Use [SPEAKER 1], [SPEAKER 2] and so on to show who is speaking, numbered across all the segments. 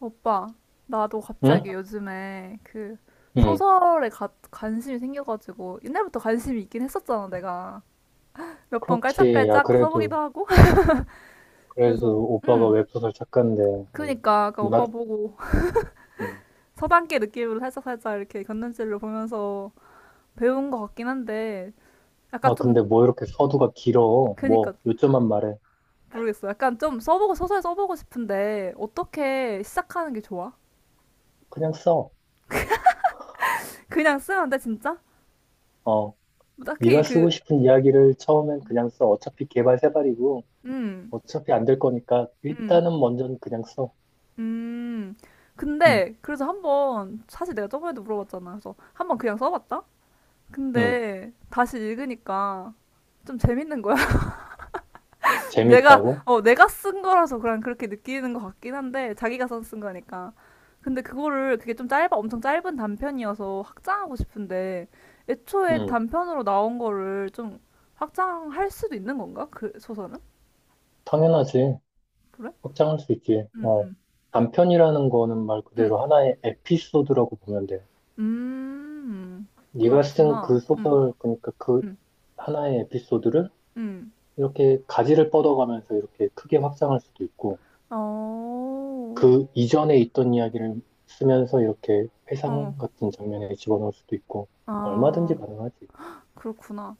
[SPEAKER 1] 오빠, 나도
[SPEAKER 2] 응?
[SPEAKER 1] 갑자기 요즘에 그
[SPEAKER 2] 응,
[SPEAKER 1] 소설에 관심이 생겨가지고 옛날부터 관심이 있긴 했었잖아, 내가. 몇 번
[SPEAKER 2] 그렇지. 야,
[SPEAKER 1] 깔짝깔짝 써보기도 하고. 그래서,
[SPEAKER 2] 그래도 오빠가
[SPEAKER 1] 응.
[SPEAKER 2] 웹소설 작가인데. 음,
[SPEAKER 1] 그니까, 아까 오빠
[SPEAKER 2] 문학.
[SPEAKER 1] 보고
[SPEAKER 2] 음.
[SPEAKER 1] 서당계 느낌으로 살짝살짝 이렇게 곁눈질로 보면서 배운 것 같긴 한데, 약간
[SPEAKER 2] 아,
[SPEAKER 1] 좀,
[SPEAKER 2] 근데 뭐 이렇게 서두가 길어. 뭐,
[SPEAKER 1] 그니까,
[SPEAKER 2] 요점만 말해.
[SPEAKER 1] 모르겠어. 약간 좀 써보고, 소설 써보고 싶은데, 어떻게 시작하는 게 좋아?
[SPEAKER 2] 그냥 써.
[SPEAKER 1] 그냥 쓰면 돼, 진짜?
[SPEAKER 2] 어,
[SPEAKER 1] 뭐 딱히
[SPEAKER 2] 네가 쓰고
[SPEAKER 1] 그,
[SPEAKER 2] 싶은 이야기를 처음엔 그냥 써. 어차피 개발 세발이고,
[SPEAKER 1] 응,
[SPEAKER 2] 어차피 안 될 거니까,
[SPEAKER 1] 응.
[SPEAKER 2] 일단은 먼저는 그냥 써.
[SPEAKER 1] 음,
[SPEAKER 2] 응,
[SPEAKER 1] 근데 그래서 한번 사실 내가 저번에도 물어봤잖아. 그래서 한번 그냥 써봤다.
[SPEAKER 2] 응.
[SPEAKER 1] 근데 다시 읽으니까 좀 재밌는 거야. 내가
[SPEAKER 2] 재미있다고?
[SPEAKER 1] 내가 쓴 거라서 그냥 그렇게 느끼는 것 같긴 한데 자기가 써 쓴 거니까. 근데 그거를 그게 좀 짧아, 엄청 짧은 단편이어서 확장하고 싶은데, 애초에
[SPEAKER 2] 응,
[SPEAKER 1] 단편으로 나온 거를 좀 확장할 수도 있는 건가? 그 소설은?
[SPEAKER 2] 당연하지.
[SPEAKER 1] 그래?
[SPEAKER 2] 확장할 수 있지.
[SPEAKER 1] 음, 음,
[SPEAKER 2] 단편이라는 거는 말
[SPEAKER 1] 음,
[SPEAKER 2] 그대로 하나의 에피소드라고 보면 돼.
[SPEAKER 1] 음,
[SPEAKER 2] 네가 쓴
[SPEAKER 1] 그렇구나.
[SPEAKER 2] 그 소설, 그러니까 그
[SPEAKER 1] 음,
[SPEAKER 2] 하나의 에피소드를
[SPEAKER 1] 음.
[SPEAKER 2] 이렇게 가지를 뻗어가면서 이렇게 크게 확장할 수도 있고,
[SPEAKER 1] 어,
[SPEAKER 2] 그 이전에 있던 이야기를 쓰면서 이렇게
[SPEAKER 1] 어,
[SPEAKER 2] 회상 같은 장면에 집어넣을 수도 있고, 얼마든지
[SPEAKER 1] 아,
[SPEAKER 2] 가능하지.
[SPEAKER 1] 그렇구나.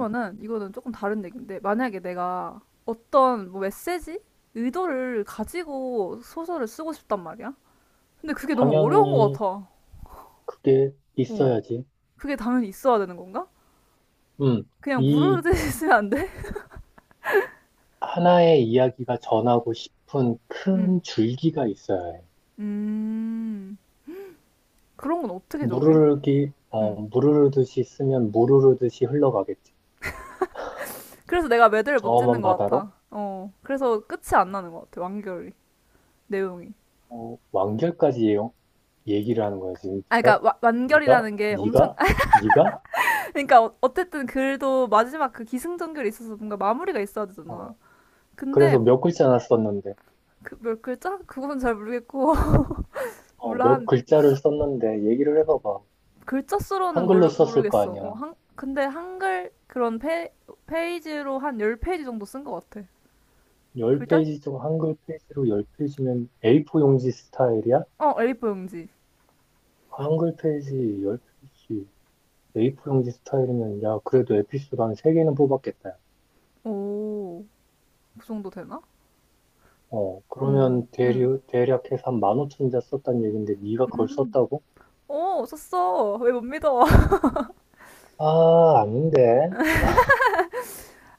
[SPEAKER 2] 음,
[SPEAKER 1] 이거는 조금 다른 얘기인데, 만약에 내가 어떤 뭐 메시지? 의도를 가지고 소설을 쓰고 싶단 말이야? 근데 그게 너무 어려운 것
[SPEAKER 2] 당연히
[SPEAKER 1] 같아.
[SPEAKER 2] 그게
[SPEAKER 1] 어,
[SPEAKER 2] 있어야지.
[SPEAKER 1] 그게 당연히 있어야 되는 건가?
[SPEAKER 2] 음,
[SPEAKER 1] 그냥
[SPEAKER 2] 이
[SPEAKER 1] 무르르 쓰면 안 돼?
[SPEAKER 2] 하나의 이야기가 전하고 싶은
[SPEAKER 1] 음,
[SPEAKER 2] 큰 줄기가 있어야 해.
[SPEAKER 1] 음, 그런 건 어떻게 정해?
[SPEAKER 2] 무르르기, 어,
[SPEAKER 1] 음,
[SPEAKER 2] 무르르듯이 쓰면 무르르듯이 흘러가겠지.
[SPEAKER 1] 그래서 내가 매듭을 못
[SPEAKER 2] 저먼
[SPEAKER 1] 짓는 것
[SPEAKER 2] 바다로.
[SPEAKER 1] 같아. 어, 그래서 끝이 안 나는 것 같아, 완결이, 내용이.
[SPEAKER 2] 완결까지 얘기를 하는 거야, 지금.
[SPEAKER 1] 아, 그러니까
[SPEAKER 2] 네가?
[SPEAKER 1] 완결이라는
[SPEAKER 2] 네가?
[SPEAKER 1] 게 엄청,
[SPEAKER 2] 네가? 네가?
[SPEAKER 1] 그러니까 어쨌든 글도 마지막 그 기승전결이 있어서 뭔가 마무리가 있어야 되잖아.
[SPEAKER 2] 어,
[SPEAKER 1] 근데
[SPEAKER 2] 그래서 몇 글자나 썼는데.
[SPEAKER 1] 그 몇 글자? 그건 잘 모르겠고. 몰라,
[SPEAKER 2] 몇
[SPEAKER 1] 한
[SPEAKER 2] 글자를 썼는데 얘기를 해봐봐.
[SPEAKER 1] 글자 수로는
[SPEAKER 2] 한글로 썼을 거
[SPEAKER 1] 모르겠어. 어,
[SPEAKER 2] 아니야.
[SPEAKER 1] 한, 근데 한글 그런 페, 페이지로 한 10페이지 정도 쓴 것 같아. 글자?
[SPEAKER 2] 10페이지 중 한글 페이지로 10페이지면 A4 용지 스타일이야?
[SPEAKER 1] 어, A4 용지.
[SPEAKER 2] 한글 페이지 10페이지, A4 용지 스타일이면, 야, 그래도 에피소드 한 3개는 뽑았겠다.
[SPEAKER 1] 오, 그 정도 되나? 오,
[SPEAKER 2] 그러면
[SPEAKER 1] 응.
[SPEAKER 2] 대략 해서 한 15,000자 썼단 얘긴데, 네가 그걸
[SPEAKER 1] 음.
[SPEAKER 2] 썼다고?
[SPEAKER 1] 오, 썼어. 왜 못 믿어?
[SPEAKER 2] 아, 아닌데.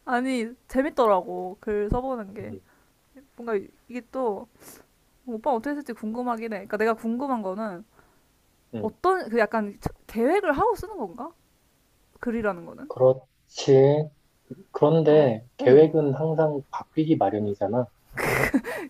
[SPEAKER 1] 아니, 재밌더라고. 글 써보는 게. 뭔가 이게 또 오빠 어떻게 했을지 궁금하긴 해. 그러니까 내가 궁금한 거는
[SPEAKER 2] 음,
[SPEAKER 1] 어떤 그 약간 계획을 하고 쓰는 건가? 글이라는 거는.
[SPEAKER 2] 그렇지.
[SPEAKER 1] 어.
[SPEAKER 2] 그런데
[SPEAKER 1] 어.
[SPEAKER 2] 계획은 항상 바뀌기 마련이잖아.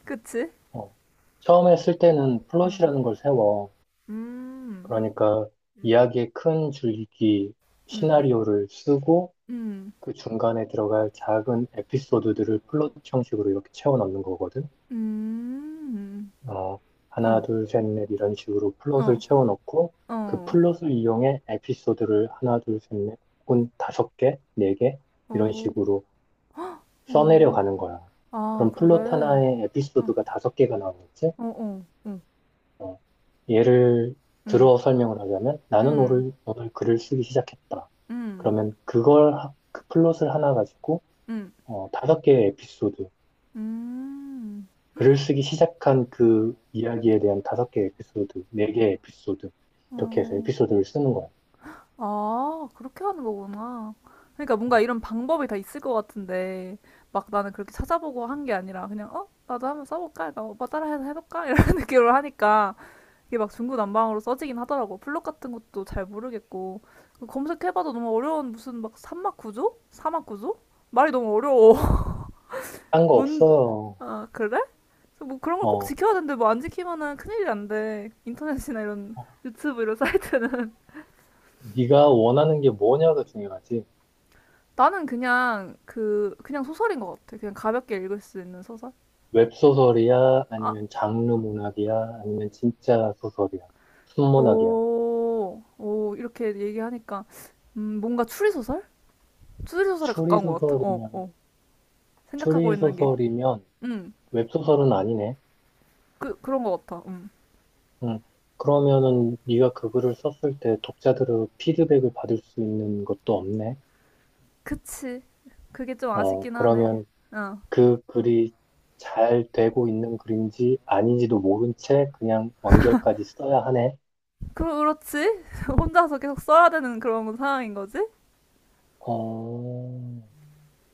[SPEAKER 1] 그치?
[SPEAKER 2] 어, 처음에 쓸 때는
[SPEAKER 1] 음.
[SPEAKER 2] 플롯이라는 걸 세워.
[SPEAKER 1] 음.
[SPEAKER 2] 그러니까
[SPEAKER 1] 음.
[SPEAKER 2] 이야기의 큰 줄기 시나리오를 쓰고
[SPEAKER 1] 음.
[SPEAKER 2] 그 중간에 들어갈 작은 에피소드들을 플롯 형식으로 이렇게 채워 넣는 거거든.
[SPEAKER 1] 음. 음.
[SPEAKER 2] 어, 하나,
[SPEAKER 1] 어.
[SPEAKER 2] 둘, 셋, 넷 이런 식으로 플롯을
[SPEAKER 1] 어.
[SPEAKER 2] 채워 넣고 그
[SPEAKER 1] 어.
[SPEAKER 2] 플롯을 이용해 에피소드를 하나, 둘, 셋, 넷 혹은 다섯 개, 네 개 이런
[SPEAKER 1] 어.
[SPEAKER 2] 식으로
[SPEAKER 1] 어.
[SPEAKER 2] 써내려가는 거야.
[SPEAKER 1] 아,
[SPEAKER 2] 그럼
[SPEAKER 1] 그래.
[SPEAKER 2] 플롯 하나에
[SPEAKER 1] 어.
[SPEAKER 2] 에피소드가 다섯 개가 나오겠지?
[SPEAKER 1] 어. 어. 어.
[SPEAKER 2] 어, 예를
[SPEAKER 1] 음.
[SPEAKER 2] 들어 설명을 하자면 나는
[SPEAKER 1] 음.
[SPEAKER 2] 오늘 글을 쓰기 시작했다.
[SPEAKER 1] 음.
[SPEAKER 2] 그러면 그 플롯을 하나 가지고
[SPEAKER 1] 음.
[SPEAKER 2] 다섯 개의 에피소드,
[SPEAKER 1] 음.
[SPEAKER 2] 글을 쓰기 시작한 그 이야기에 대한 다섯 개의 에피소드, 네 개의 에피소드 이렇게 해서
[SPEAKER 1] 어.
[SPEAKER 2] 에피소드를 쓰는 거야.
[SPEAKER 1] 아, 그렇게 하는 거구나. 그러니까
[SPEAKER 2] 음.
[SPEAKER 1] 뭔가 이런 방법이 다 있을 것 같은데, 막 나는 그렇게 찾아보고 한 게 아니라, 그냥, 어? 나도 한번 써볼까? 그러니까 오빠 따라해서 해볼까? 이런 느낌으로 하니까, 이게 막 중구난방으로 써지긴 하더라고. 블록 같은 것도 잘 모르겠고. 그 검색해봐도 너무 어려운 무슨 막 산막 구조? 사막 구조? 말이 너무 어려워.
[SPEAKER 2] 딴거
[SPEAKER 1] 뭔,
[SPEAKER 2] 없어요.
[SPEAKER 1] 아, 그래? 뭐 그런 걸 꼭
[SPEAKER 2] 어,
[SPEAKER 1] 지켜야 되는데, 뭐 안 지키면은 큰일이 안 돼. 인터넷이나 이런
[SPEAKER 2] 어,
[SPEAKER 1] 유튜브 이런 사이트는.
[SPEAKER 2] 네가 원하는 게 뭐냐가 중요하지.
[SPEAKER 1] 나는 그냥 그냥 소설인 것 같아. 그냥 가볍게 읽을 수 있는 소설.
[SPEAKER 2] 웹소설이야?
[SPEAKER 1] 아,
[SPEAKER 2] 아니면 장르 문학이야? 아니면 진짜 소설이야? 순문학이야?
[SPEAKER 1] 오, 오 이렇게 얘기하니까 뭔가 추리 소설? 추리 소설에 가까운 것 같아. 어,
[SPEAKER 2] 추리소설이면,
[SPEAKER 1] 어. 생각하고 있는 게,
[SPEAKER 2] 추리소설이면
[SPEAKER 1] 음,
[SPEAKER 2] 웹소설은 아니네.
[SPEAKER 1] 그 그런 것 같아.
[SPEAKER 2] 응. 그러면은 네가 그 글을 썼을 때 독자들의 피드백을 받을 수 있는 것도 없네.
[SPEAKER 1] 그치. 그게 좀 아쉽긴 하네.
[SPEAKER 2] 그러면
[SPEAKER 1] 어,
[SPEAKER 2] 그 글이 잘 되고 있는 글인지 아닌지도 모른 채 그냥 완결까지 써야 하네.
[SPEAKER 1] 그 그렇지. 혼자서 계속 써야 되는 그런 상황인 거지.
[SPEAKER 2] 어,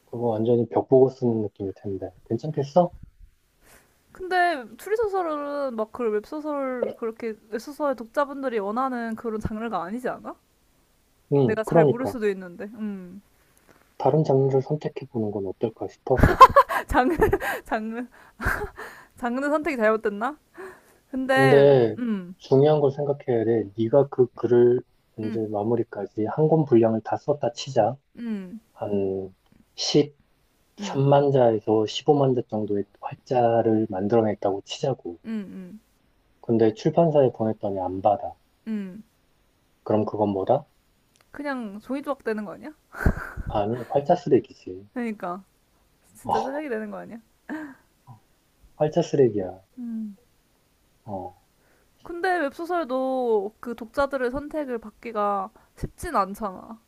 [SPEAKER 2] 그거 완전히 벽 보고 쓰는 느낌일 텐데. 괜찮겠어?
[SPEAKER 1] 근데 추리 소설은 막 그 웹소설, 그렇게 웹소설 독자분들이 원하는 그런 장르가 아니지 않아?
[SPEAKER 2] 응,
[SPEAKER 1] 내가 잘 모를
[SPEAKER 2] 그러니까.
[SPEAKER 1] 수도 있는데. 음.
[SPEAKER 2] 다른 장르를 선택해보는 건 어떨까 싶어서.
[SPEAKER 1] 장르, 장르, 장르 선택이 잘못됐나? 근데,
[SPEAKER 2] 근데 중요한 걸 생각해야 돼. 네가 그 글을 이제
[SPEAKER 1] 음,
[SPEAKER 2] 마무리까지 한 권 분량을 다 썼다 치자.
[SPEAKER 1] 음,
[SPEAKER 2] 한
[SPEAKER 1] 음,
[SPEAKER 2] 13만 자에서 15만 자 정도의 활자를 만들어냈다고 치자고.
[SPEAKER 1] 음, 음,
[SPEAKER 2] 근데 출판사에 보냈더니 안 받아.
[SPEAKER 1] 음.
[SPEAKER 2] 그럼 그건 뭐다?
[SPEAKER 1] 그냥 종이 조각 되는 거 아니야?
[SPEAKER 2] 아니, 활자 쓰레기지.
[SPEAKER 1] 그러니까. 진짜 쓰레기 되는 거 아니야?
[SPEAKER 2] 활자 쓰레기야.
[SPEAKER 1] 음.
[SPEAKER 2] 어,
[SPEAKER 1] 근데 웹소설도 그 독자들의 선택을 받기가 쉽진 않잖아.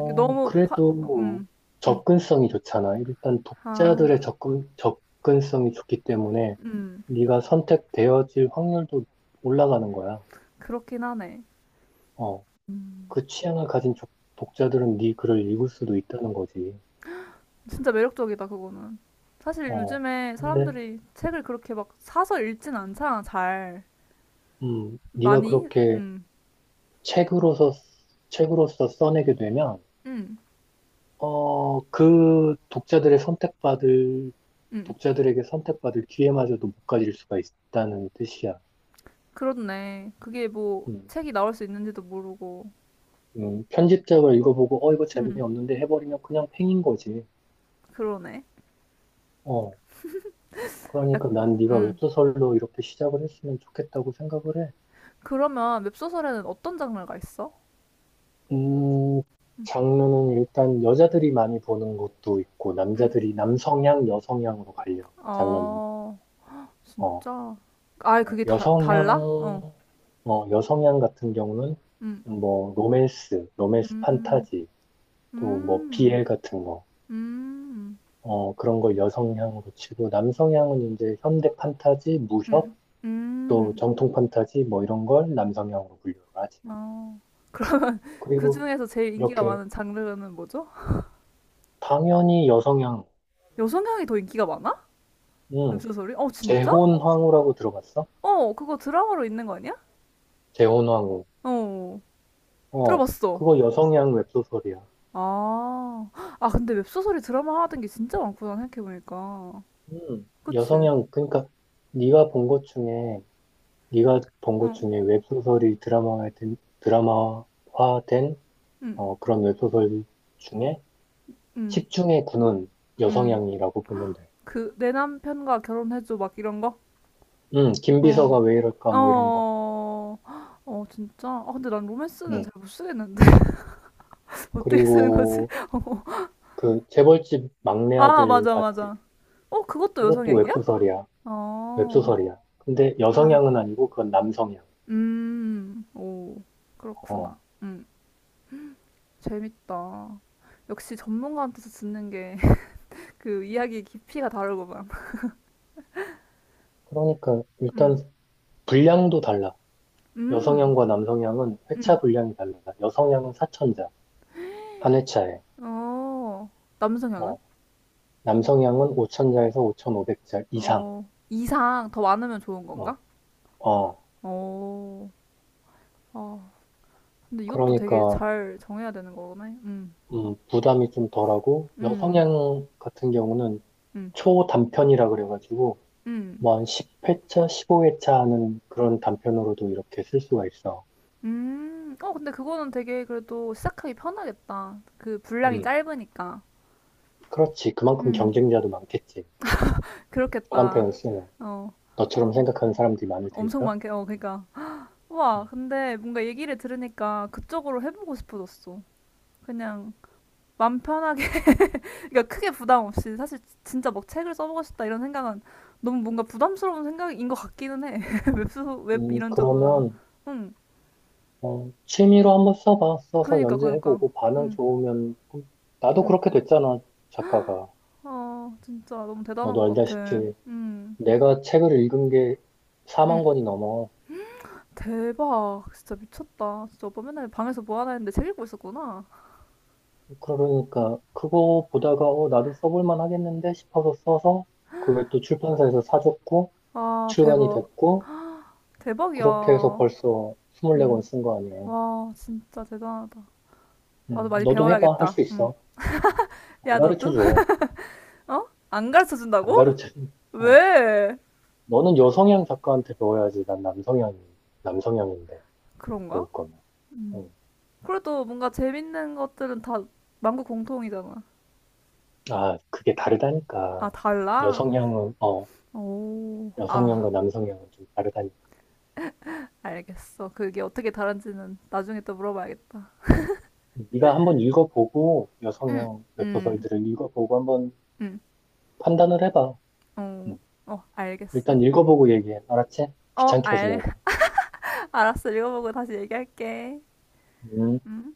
[SPEAKER 1] 이게 너무 파,
[SPEAKER 2] 그래도
[SPEAKER 1] 음, 음.
[SPEAKER 2] 접근성이 좋잖아. 일단
[SPEAKER 1] 아,
[SPEAKER 2] 독자들의 접근성이 좋기 때문에
[SPEAKER 1] 음.
[SPEAKER 2] 네가 선택되어질 확률도 올라가는 거야.
[SPEAKER 1] 그렇긴 하네.
[SPEAKER 2] 어,
[SPEAKER 1] 음.
[SPEAKER 2] 그 취향을 가진 독자들은 네 글을 읽을 수도 있다는 거지.
[SPEAKER 1] 진짜 매력적이다, 그거는. 사실
[SPEAKER 2] 어,
[SPEAKER 1] 요즘에
[SPEAKER 2] 근데
[SPEAKER 1] 사람들이 책을 그렇게 막 사서 읽진 않잖아, 잘.
[SPEAKER 2] 네가
[SPEAKER 1] 많이?
[SPEAKER 2] 그렇게
[SPEAKER 1] 응,
[SPEAKER 2] 책으로서 책으로서 써내게 되면
[SPEAKER 1] 응,
[SPEAKER 2] 그 독자들의 선택받을
[SPEAKER 1] 응.
[SPEAKER 2] 독자들에게 선택받을 기회마저도 못 가질 수가 있다는 뜻이야.
[SPEAKER 1] 그렇네. 그게 뭐
[SPEAKER 2] 음.
[SPEAKER 1] 책이 나올 수 있는지도 모르고.
[SPEAKER 2] 편집작을 읽어보고 이거
[SPEAKER 1] 응,
[SPEAKER 2] 재미없는데 해버리면 그냥 팽인 거지.
[SPEAKER 1] 그러네.
[SPEAKER 2] 어, 그러니까 난 네가
[SPEAKER 1] 응.
[SPEAKER 2] 웹소설로 이렇게 시작을 했으면 좋겠다고 생각을 해.
[SPEAKER 1] 그러면 웹소설에는 어떤 장르가 있어?
[SPEAKER 2] 음, 장르는 일단 여자들이 많이 보는 것도 있고
[SPEAKER 1] 응.
[SPEAKER 2] 남자들이 남성향, 여성향으로 갈려. 장르는
[SPEAKER 1] 아,
[SPEAKER 2] 어,
[SPEAKER 1] 진짜. 아,
[SPEAKER 2] 어,
[SPEAKER 1] 그게 다, 달라? 어.
[SPEAKER 2] 여성향, 여성향 같은 경우는
[SPEAKER 1] 응.
[SPEAKER 2] 뭐 로맨스, 로맨스
[SPEAKER 1] 음,
[SPEAKER 2] 판타지, 또 뭐
[SPEAKER 1] 음,
[SPEAKER 2] 비엘 같은 거.
[SPEAKER 1] 음,
[SPEAKER 2] 그런 걸 여성향으로 치고, 남성향은 이제 현대 판타지, 무협,
[SPEAKER 1] 음,
[SPEAKER 2] 또
[SPEAKER 1] 음.
[SPEAKER 2] 정통 판타지 뭐 이런 걸 남성향으로 분류를 하지.
[SPEAKER 1] 아, 그러면 그
[SPEAKER 2] 그리고
[SPEAKER 1] 중에서 제일 인기가
[SPEAKER 2] 이렇게
[SPEAKER 1] 많은 장르는 뭐죠?
[SPEAKER 2] 당연히 여성향,
[SPEAKER 1] 여성향이 더 인기가 많아? 엽
[SPEAKER 2] 음,
[SPEAKER 1] 소설이 어, 진짜?
[SPEAKER 2] 재혼황후라고 들어봤어?
[SPEAKER 1] 어, 그거 드라마로 있는 거 아니야?
[SPEAKER 2] 재혼황후.
[SPEAKER 1] 어,
[SPEAKER 2] 어,
[SPEAKER 1] 들어봤어.
[SPEAKER 2] 그거 여성향 웹소설이야.
[SPEAKER 1] 아, 아, 근데 웹소설이 드라마 하던 게 진짜 많구나, 생각해보니까. 그치?
[SPEAKER 2] 여성향 그러니까 네가 본 것 중에 네가 본 것
[SPEAKER 1] 어,
[SPEAKER 2] 중에 웹소설이 드라마화된
[SPEAKER 1] 응,
[SPEAKER 2] 그런 웹소설 중에
[SPEAKER 1] 응,
[SPEAKER 2] 십 중에 구는
[SPEAKER 1] 응.
[SPEAKER 2] 여성향이라고 보면 돼.
[SPEAKER 1] 그, 내 남편과 결혼해줘, 막 이런 거? 어,
[SPEAKER 2] 김비서가 왜 이럴까 뭐 이런 거.
[SPEAKER 1] 어, 어, 진짜? 아, 근데 난 로맨스는
[SPEAKER 2] 음.
[SPEAKER 1] 잘 못 쓰겠는데. 어떻게 쓰는 거지?
[SPEAKER 2] 그리고
[SPEAKER 1] 어.
[SPEAKER 2] 그 재벌집 막내
[SPEAKER 1] 아,
[SPEAKER 2] 아들
[SPEAKER 1] 맞아,
[SPEAKER 2] 봤지?
[SPEAKER 1] 맞아. 어, 그것도
[SPEAKER 2] 이것도
[SPEAKER 1] 여성향이야?
[SPEAKER 2] 웹소설이야.
[SPEAKER 1] 어,
[SPEAKER 2] 웹소설이야. 근데
[SPEAKER 1] 아,
[SPEAKER 2] 여성향은 아니고 그건 남성향.
[SPEAKER 1] 오, 그렇구나.
[SPEAKER 2] 어.
[SPEAKER 1] 재밌다. 역시 전문가한테서 듣는 게 그 이야기 깊이가 다르구만.
[SPEAKER 2] 그러니까 일단
[SPEAKER 1] 음,
[SPEAKER 2] 분량도 달라.
[SPEAKER 1] 음,
[SPEAKER 2] 여성향과 남성향은 회차
[SPEAKER 1] 음,
[SPEAKER 2] 분량이 달라. 여성향은 4천자 한 회차에.
[SPEAKER 1] 어, 남성향은?
[SPEAKER 2] 어. 남성향은 5천자에서 5,500자 이상.
[SPEAKER 1] 어, 이상 더 많으면 좋은 건가?
[SPEAKER 2] 어. 어.
[SPEAKER 1] 어, 아, 근데 이것도 되게
[SPEAKER 2] 그러니까
[SPEAKER 1] 잘 정해야 되는 거네.
[SPEAKER 2] 부담이 좀 덜하고
[SPEAKER 1] 음,
[SPEAKER 2] 여성향 같은 경우는
[SPEAKER 1] 음,
[SPEAKER 2] 초단편이라 그래가지고
[SPEAKER 1] 음.
[SPEAKER 2] 뭐 한 10회차, 15회차 하는 그런 단편으로도 이렇게 쓸 수가 있어.
[SPEAKER 1] 어, 근데 그거는 되게 그래도 시작하기 편하겠다. 그 분량이
[SPEAKER 2] 음,
[SPEAKER 1] 짧으니까.
[SPEAKER 2] 그렇지. 그만큼
[SPEAKER 1] 음,
[SPEAKER 2] 경쟁자도 많겠지.
[SPEAKER 1] 그렇겠다.
[SPEAKER 2] 초단편을 쓰면.
[SPEAKER 1] 어,
[SPEAKER 2] 너처럼
[SPEAKER 1] 어,
[SPEAKER 2] 생각하는 사람들이 많을
[SPEAKER 1] 엄청
[SPEAKER 2] 테니까.
[SPEAKER 1] 많게, 어, 그니까.
[SPEAKER 2] 음.
[SPEAKER 1] 와, 근데 뭔가 얘기를 들으니까 그쪽으로 해보고 싶어졌어. 그냥 맘 편하게, 그러니까 크게 부담 없이. 사실 진짜 막 책을 써보고 싶다 이런 생각은 너무 뭔가 부담스러운 생각인 것 같기는 해. 웹소, 웹 이런 쪽보다는.
[SPEAKER 2] 그러면,
[SPEAKER 1] 응
[SPEAKER 2] 취미로 한번 써봐. 써서
[SPEAKER 1] 그니까, 그니까.
[SPEAKER 2] 연재해보고 반응
[SPEAKER 1] 응
[SPEAKER 2] 좋으면, 그럼 나도
[SPEAKER 1] 응
[SPEAKER 2] 그렇게 됐잖아, 작가가.
[SPEAKER 1] 아, 진짜 너무
[SPEAKER 2] 너도
[SPEAKER 1] 대단한 것 같아.
[SPEAKER 2] 알다시피,
[SPEAKER 1] 응
[SPEAKER 2] 내가 책을 읽은 게 4만
[SPEAKER 1] 응
[SPEAKER 2] 권이 넘어.
[SPEAKER 1] 대박. 진짜 미쳤다. 진짜 오빠 맨날 방에서 뭐 하나 했는데 책 읽고 있었구나.
[SPEAKER 2] 그러니까, 그거 보다가, 나도 써볼만 하겠는데 싶어서 써서, 그게 또 출판사에서 사줬고,
[SPEAKER 1] 아,
[SPEAKER 2] 출간이
[SPEAKER 1] 대박.
[SPEAKER 2] 됐고, 그렇게 해서
[SPEAKER 1] 대박이야.
[SPEAKER 2] 벌써
[SPEAKER 1] 응.
[SPEAKER 2] 24권 쓴 거 아니야.
[SPEAKER 1] 와, 진짜 대단하다. 나도 많이
[SPEAKER 2] 너도 해봐. 할
[SPEAKER 1] 배워야겠다.
[SPEAKER 2] 수
[SPEAKER 1] 응.
[SPEAKER 2] 있어. 음, 안
[SPEAKER 1] 야, 너도?
[SPEAKER 2] 가르쳐줘.
[SPEAKER 1] 어? 안 가르쳐
[SPEAKER 2] 안
[SPEAKER 1] 준다고?
[SPEAKER 2] 가르쳐. 어,
[SPEAKER 1] 왜?
[SPEAKER 2] 너는 여성향 작가한테 배워야지. 난 남성향인데, 배울
[SPEAKER 1] 그런가?
[SPEAKER 2] 거면.
[SPEAKER 1] 음.
[SPEAKER 2] 음.
[SPEAKER 1] 그래도 뭔가 재밌는 것들은 다 만국 공통이잖아.
[SPEAKER 2] 아, 그게
[SPEAKER 1] 아,
[SPEAKER 2] 다르다니까.
[SPEAKER 1] 달라?
[SPEAKER 2] 여성향은, 어,
[SPEAKER 1] 오. 아,
[SPEAKER 2] 여성향과 남성향은 좀 다르다니까.
[SPEAKER 1] 알겠어. 그게 어떻게 다른지는 나중에 또 물어봐야겠다.
[SPEAKER 2] 네가 한번 읽어보고,
[SPEAKER 1] 응,
[SPEAKER 2] 여성향
[SPEAKER 1] 응,
[SPEAKER 2] 웹소설들을 읽어보고 한번
[SPEAKER 1] 응.
[SPEAKER 2] 판단을 해봐.
[SPEAKER 1] 어,
[SPEAKER 2] 음.
[SPEAKER 1] 어,
[SPEAKER 2] 일단
[SPEAKER 1] 알겠어.
[SPEAKER 2] 읽어보고 얘기해. 알았지?
[SPEAKER 1] 어,
[SPEAKER 2] 귀찮게 하지
[SPEAKER 1] 알,
[SPEAKER 2] 말고.
[SPEAKER 1] 알았어. 읽어보고 다시 얘기할게.
[SPEAKER 2] 음.
[SPEAKER 1] 음.